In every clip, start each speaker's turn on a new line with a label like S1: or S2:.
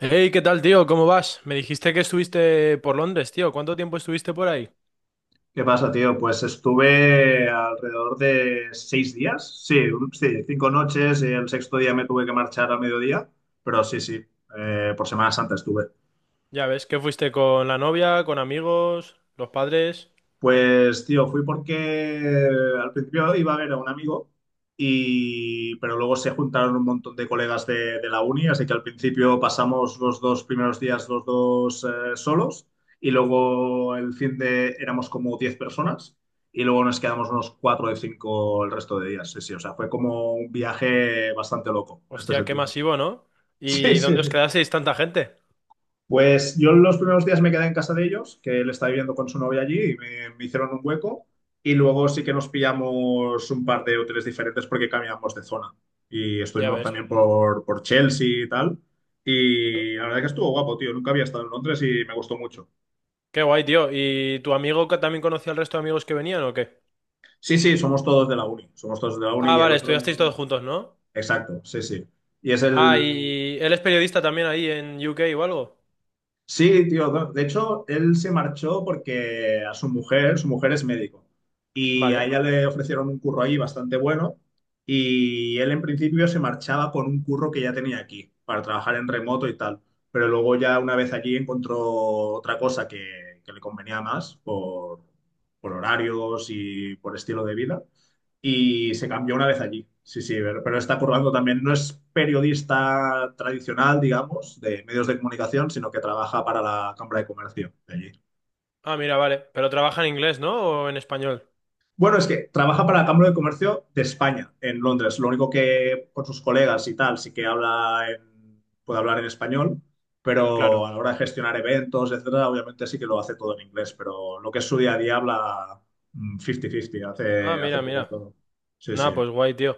S1: Hey, ¿qué tal, tío? ¿Cómo vas? Me dijiste que estuviste por Londres, tío. ¿Cuánto tiempo estuviste por ahí?
S2: ¿Qué pasa, tío? Pues estuve alrededor de seis días, sí, sí, cinco noches y el sexto día me tuve que marchar a mediodía, pero sí, sí, por Semana Santa estuve.
S1: Ya ves, que fuiste con la novia, con amigos, los padres.
S2: Pues, tío, fui porque al principio iba a ver a un amigo, pero luego se juntaron un montón de colegas de la uni, así que al principio pasamos los dos primeros días los dos solos y luego el fin de éramos como 10 personas y luego nos quedamos unos 4 de 5 el resto de días. Sí, sí, o sea, fue como un viaje bastante loco en este
S1: Hostia, qué
S2: sentido.
S1: masivo, ¿no?
S2: Sí,
S1: ¿Y
S2: sí,
S1: dónde os
S2: sí.
S1: quedasteis tanta gente?
S2: Pues yo los primeros días me quedé en casa de ellos, que él está viviendo con su novia allí y me hicieron un hueco. Y luego sí que nos pillamos un par de hoteles diferentes porque cambiamos de zona. Y
S1: Ya
S2: estuvimos
S1: ves.
S2: también por Chelsea y tal. Y la verdad que estuvo guapo, tío. Nunca había estado en Londres y me gustó mucho.
S1: Qué guay, tío. ¿Y tu amigo que también conocía al resto de amigos que venían o qué?
S2: Sí, sí, somos todos de la uni. Somos todos de la uni
S1: Ah,
S2: y el
S1: vale, estudiasteis
S2: otro.
S1: todos juntos, ¿no?
S2: Exacto, sí, sí. Y es
S1: Ah,
S2: el,
S1: y él es periodista también ahí en UK o algo.
S2: Sí, tío. De hecho, él se marchó porque a su mujer es médico. Y a
S1: Vale.
S2: ella le ofrecieron un curro ahí bastante bueno. Y él en principio se marchaba con un curro que ya tenía aquí, para trabajar en remoto y tal. Pero luego ya una vez allí encontró otra cosa que le convenía más por horarios y por estilo de vida y se cambió una vez allí. Sí, sí, pero está currando también. No es periodista tradicional, digamos, de medios de comunicación, sino que trabaja para la Cámara de Comercio de allí.
S1: Ah, mira, vale. Pero trabaja en inglés, ¿no? ¿O en español?
S2: Bueno, es que trabaja para la Cámara de Comercio de España, en Londres. Lo único que con sus colegas y tal, sí que puede hablar en español, pero
S1: Claro.
S2: a la hora de gestionar eventos, etcétera, obviamente sí que lo hace todo en inglés, pero lo que es su día a día habla 50-50,
S1: Ah,
S2: hace, hace
S1: mira,
S2: poco
S1: mira.
S2: todo. Sí, sí,
S1: Nada, pues guay, tío.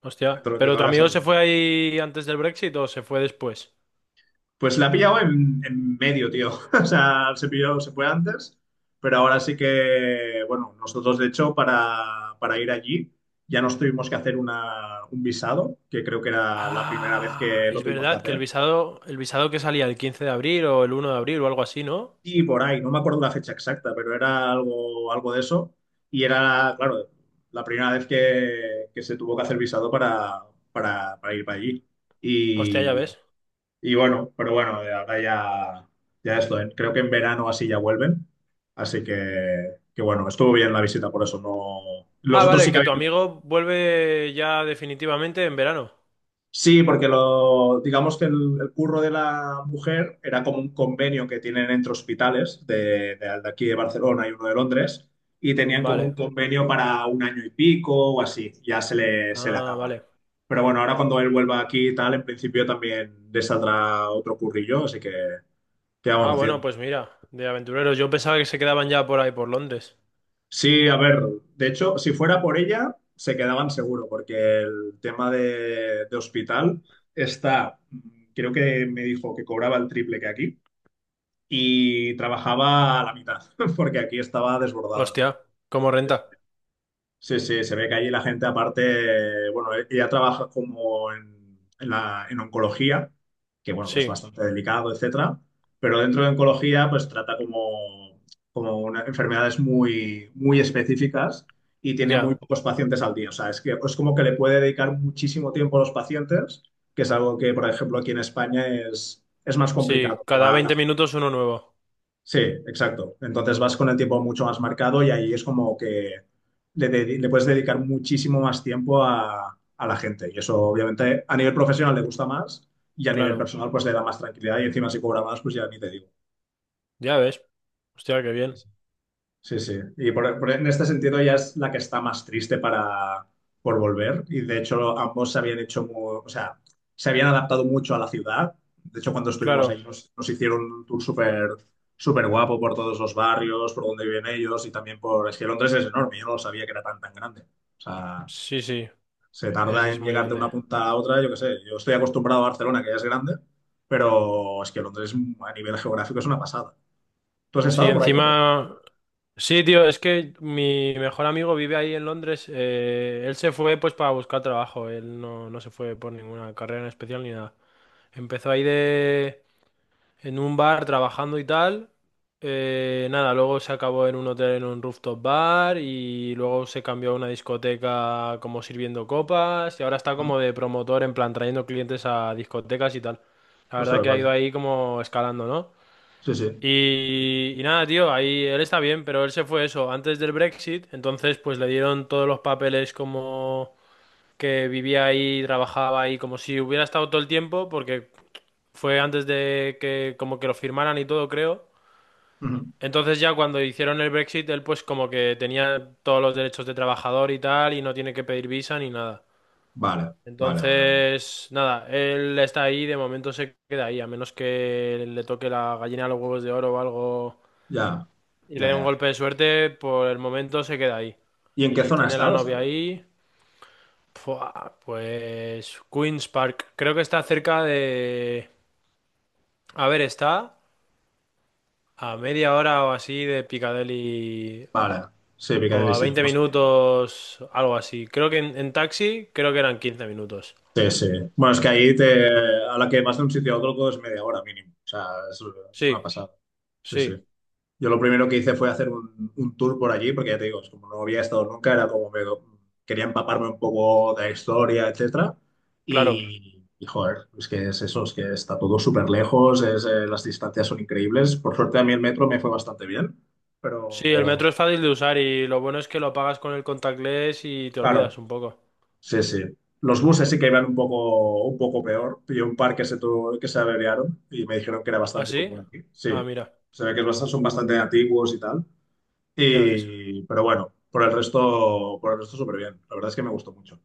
S1: Hostia.
S2: todo lo que
S1: ¿Pero tu
S2: habla
S1: amigo
S2: sale
S1: se
S2: bien.
S1: fue ahí antes del Brexit o se fue después?
S2: Pues la ha pillado en medio, tío. O sea, se pilló, se fue antes, pero ahora sí que, bueno, nosotros de hecho para ir allí ya nos tuvimos que hacer un visado, que creo que era la primera vez
S1: Ah,
S2: que lo
S1: es
S2: tuvimos que
S1: verdad que el
S2: hacer.
S1: visado, el visado que salía el 15 de abril o el 1 de abril o algo así, ¿no?
S2: Y por ahí, no me acuerdo la fecha exacta, pero era algo, algo de eso. Y era, claro, la primera vez que se tuvo que hacer visado para ir para allí.
S1: Hostia, ya ves.
S2: Y bueno, pero bueno, ahora ya, ya esto, ¿eh? Creo que en verano así ya vuelven. Así que bueno, estuvo bien la visita, por eso no.
S1: Ah,
S2: Los otros
S1: vale,
S2: sí que
S1: que tu
S2: habían.
S1: amigo vuelve ya definitivamente en verano.
S2: Sí, porque lo, digamos que el curro de la mujer era como un convenio que tienen entre hospitales de aquí de Barcelona y uno de Londres, y tenían como un
S1: Vale.
S2: convenio para 1 año y pico o así, ya se le
S1: Ah,
S2: acaba.
S1: vale.
S2: Pero bueno, ahora cuando él vuelva aquí y tal, en principio también le saldrá otro currillo, así que, ¿qué
S1: Ah,
S2: vamos
S1: bueno,
S2: haciendo?
S1: pues mira, de aventureros. Yo pensaba que se quedaban ya por ahí, por Londres.
S2: Sí, a ver, de hecho, si fuera por ella, se quedaban seguro, porque el tema de hospital está, creo que me dijo que cobraba el triple que aquí y trabajaba a la mitad, porque aquí estaba desbordada.
S1: Hostia, ¿cómo renta?
S2: Sí, sí, se ve que allí la gente aparte, bueno, ella trabaja como en oncología, que bueno, que es
S1: Sí,
S2: bastante delicado, etcétera, pero dentro de oncología pues trata como, enfermedades muy, muy específicas y tiene muy
S1: ya.
S2: pocos pacientes al día. O sea, es que es como que le puede dedicar muchísimo tiempo a los pacientes, que es algo que, por ejemplo, aquí en España es más
S1: Sí,
S2: complicado. Que
S1: cada
S2: va la
S1: 20 minutos uno nuevo.
S2: Sí, exacto. Entonces vas con el tiempo mucho más marcado y ahí es como que le puedes dedicar muchísimo más tiempo a la gente. Y eso obviamente a nivel profesional le gusta más y a nivel
S1: Claro.
S2: personal pues le da más tranquilidad y encima si cobra más pues ya ni te digo.
S1: Ya ves. Hostia, qué bien.
S2: Sí, sí. Y en este sentido ella es la que está más triste para, por volver. Y de hecho ambos se habían hecho, o sea, se habían adaptado mucho a la ciudad. De hecho, cuando estuvimos ahí
S1: Claro.
S2: nos hicieron un tour súper súper guapo por todos los barrios, por donde viven ellos y también por... Es que Londres es enorme, yo no sabía que era tan tan grande. O sea,
S1: Sí, sí,
S2: se tarda
S1: ese es
S2: en
S1: muy
S2: llegar de
S1: grande.
S2: una punta a otra, yo qué sé. Yo estoy acostumbrado a Barcelona, que ya es grande, pero es que Londres a nivel geográfico es una pasada. ¿Tú has
S1: Sí,
S2: estado por ahí o qué?
S1: encima. Sí, tío, es que mi mejor amigo vive ahí en Londres. Él se fue pues para buscar trabajo. Él no se fue por ninguna carrera en especial ni nada. Empezó ahí en un bar trabajando y tal. Nada, luego se acabó en un hotel en un rooftop bar y luego se cambió a una discoteca como sirviendo copas y ahora está
S2: Ah,
S1: como de promotor en plan trayendo clientes a discotecas y tal. La verdad
S2: ostras,
S1: que ha ido
S2: vale.
S1: ahí como escalando, ¿no?
S2: Sí, sí.
S1: Y nada, tío, ahí él está bien, pero él se fue eso antes del Brexit, entonces pues le dieron todos los papeles como que vivía ahí, trabajaba ahí, como si hubiera estado todo el tiempo, porque fue antes de que como que lo firmaran y todo, creo.
S2: Ujú.
S1: Entonces ya cuando hicieron el Brexit, él pues como que tenía todos los derechos de trabajador y tal, y no tiene que pedir visa ni nada.
S2: Vale, vale, vale, vale.
S1: Entonces, nada, él está ahí, de momento se queda ahí, a menos que le toque la gallina a los huevos de oro o algo
S2: Ya,
S1: y le
S2: ya,
S1: da un
S2: ya.
S1: golpe de suerte, por el momento se queda ahí.
S2: ¿Y en qué
S1: Y
S2: zona
S1: tiene
S2: está,
S1: la
S2: lo
S1: novia
S2: sabes?
S1: ahí. Fua, pues Queen's Park. Creo que está cerca de. A ver, está a media hora o así de Piccadilly
S2: Vale, sí,
S1: o
S2: Piccadilly
S1: a 20
S2: Circus.
S1: minutos, algo así. Creo que en taxi creo que eran 15 minutos.
S2: Sí, sí. Bueno, es que ahí te, a la que vas de un sitio a otro todo es media hora mínimo. O sea, es, es una
S1: Sí,
S2: pasada. Sí, sí.
S1: sí,
S2: Yo lo primero que hice fue hacer un tour por allí, porque ya te digo, es como no había estado nunca, era como me, quería empaparme un poco de la historia, etcétera.
S1: claro.
S2: Joder, es que es eso, es que está todo súper lejos, es, las distancias son increíbles. Por suerte a mí el metro me fue bastante bien,
S1: Sí, el metro es
S2: pero
S1: fácil de usar y lo bueno es que lo pagas con el contactless y te
S2: claro,
S1: olvidas un poco.
S2: sí, sí. Los buses sí que iban un poco peor. Pillé un par que se, que se averiaron y me dijeron que era
S1: ¿Ah,
S2: bastante
S1: sí?
S2: común aquí.
S1: Ah,
S2: Sí,
S1: mira,
S2: se ve que son bastante antiguos y tal.
S1: ya ves.
S2: Y, pero bueno, por el resto súper bien. La verdad es que me gustó mucho.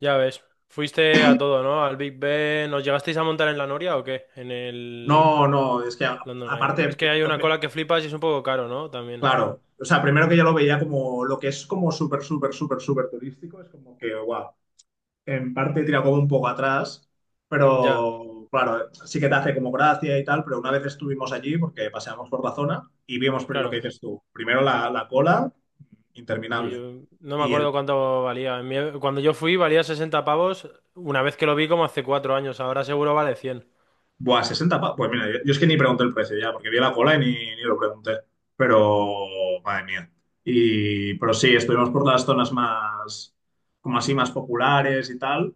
S1: Ya ves, fuiste a todo, ¿no? Al Big Ben. ¿Nos llegasteis a montar en la Noria o qué? En el
S2: No, no, es que
S1: London Eye. Es que hay una cola que flipas y es un poco caro, ¿no? También.
S2: claro, o sea, primero que ya lo veía como lo que es como súper, súper, súper, súper turístico, es como que, guau, en parte tira como un poco atrás,
S1: Ya,
S2: pero claro, sí que te hace como gracia y tal, pero una vez estuvimos allí porque paseamos por la zona y vimos lo que
S1: claro.
S2: dices tú, primero la cola
S1: Y
S2: interminable.
S1: yo no me
S2: Y el
S1: acuerdo cuánto valía. Cuando yo fui valía 60 pavos una vez que lo vi como hace 4 años. Ahora seguro vale cien.
S2: Buah, Pues mira, yo es que ni pregunté el precio ya, porque vi la cola ni lo pregunté. Pero, madre mía. Y, pero sí, estuvimos por las zonas más, como así, más populares y tal.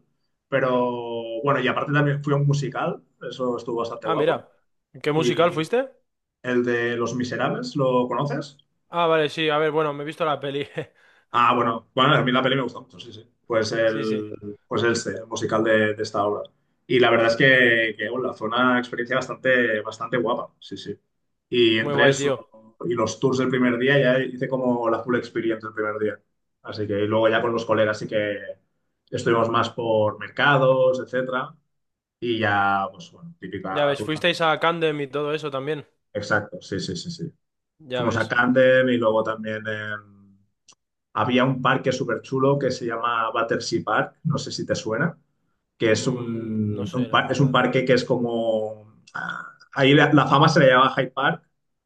S2: Pero bueno, y aparte también fui a un musical, eso estuvo bastante
S1: Ah,
S2: guapo.
S1: mira. ¿Qué musical
S2: Y
S1: fuiste?
S2: el de Los Miserables, ¿lo conoces?
S1: Ah, vale, sí. A ver, bueno, me he visto la peli.
S2: Ah, bueno, bueno, a mí la peli me gusta mucho, sí, sí.
S1: Sí, sí.
S2: Pues este, el musical de esta obra. Y la verdad es que bueno, fue una experiencia bastante, bastante guapa, sí, sí. Y
S1: Muy
S2: entre
S1: guay,
S2: eso
S1: tío.
S2: y los tours del primer día ya hice como la full experience el primer día. Así que y luego ya con los colegas sí que estuvimos más por mercados, etcétera. Y ya, pues bueno,
S1: Ya
S2: típica
S1: ves,
S2: ruta.
S1: fuisteis a Candem y todo eso también.
S2: Exacto, sí, sí, sí, sí.
S1: Ya
S2: Fuimos a
S1: ves.
S2: Camden y luego también había un parque súper chulo que se llama Battersea Park, no sé si te suena, que es
S1: No sé, la
S2: es un
S1: verdad, no.
S2: parque que es como... ah, ahí la fama se le llama Hyde Park,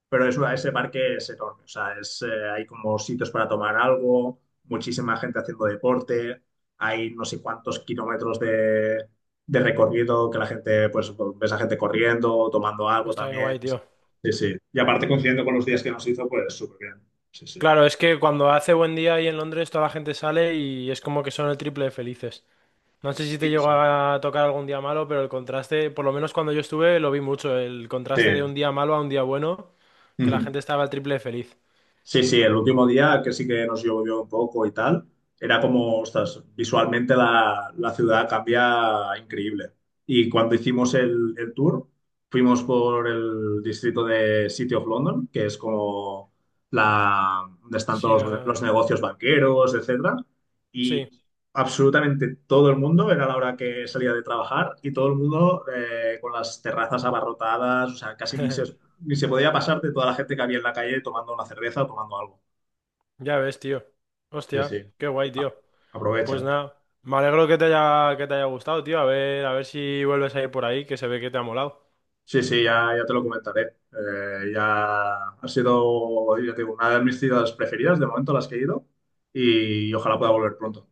S2: pero es, ese parque es enorme, o sea, es, hay como sitios para tomar algo, muchísima gente haciendo deporte, hay no sé cuántos kilómetros de recorrido que la gente, pues ves a gente corriendo, tomando algo
S1: Está bien guay,
S2: también.
S1: tío.
S2: Sí, sí. Y aparte coincidiendo con los días que nos hizo, pues súper bien. Sí, sí.
S1: Claro, es que cuando hace buen día ahí en Londres toda la gente sale y es como que son el triple de felices. No sé si te
S2: Sí,
S1: llegó
S2: Sí.
S1: a tocar algún día malo, pero el contraste, por lo menos cuando yo estuve, lo vi mucho, el
S2: Sí.
S1: contraste de un día malo a un día bueno, que la
S2: Ujú.
S1: gente estaba el triple de feliz.
S2: Sí, sí, el último día que sí que nos llovió un poco y tal, era como, ostras, visualmente la ciudad cambia increíble. Y cuando hicimos el tour, fuimos por el distrito de City of London, que es como la, donde están
S1: Sí,
S2: todos los negocios banqueros, etcétera.
S1: sí.
S2: Y absolutamente todo el mundo, era la hora que salía de trabajar, y todo el mundo con las terrazas abarrotadas, o sea, casi ni se ni se podía pasarte toda la gente que había en la calle tomando una cerveza o tomando algo.
S1: Ya ves, tío.
S2: Sí,
S1: Hostia,
S2: sí.
S1: qué guay,
S2: Ah,
S1: tío. Pues
S2: Aprovechan.
S1: nada, me alegro que te haya gustado, tío. A ver si vuelves a ir por ahí, que se ve que te ha molado.
S2: Sí, sí, ya, ya te lo comentaré. Ya ha sido, ya te digo, una de mis ciudades preferidas de momento a las que he ido y, ojalá pueda volver pronto.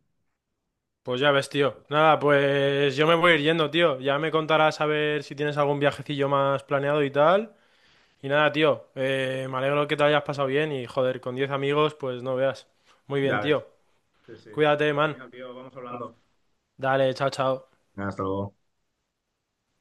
S1: Pues ya ves, tío. Nada, pues yo me voy a ir yendo, tío. Ya me contarás a ver si tienes algún viajecillo más planeado y tal. Y nada, tío, me alegro que te lo hayas pasado bien y joder, con 10 amigos, pues no veas. Muy bien,
S2: Ya
S1: tío.
S2: ves. Sí, sí.
S1: Cuídate,
S2: Pues
S1: man.
S2: genial, tío, vamos hablando.
S1: Dale, chao, chao.
S2: Hasta luego.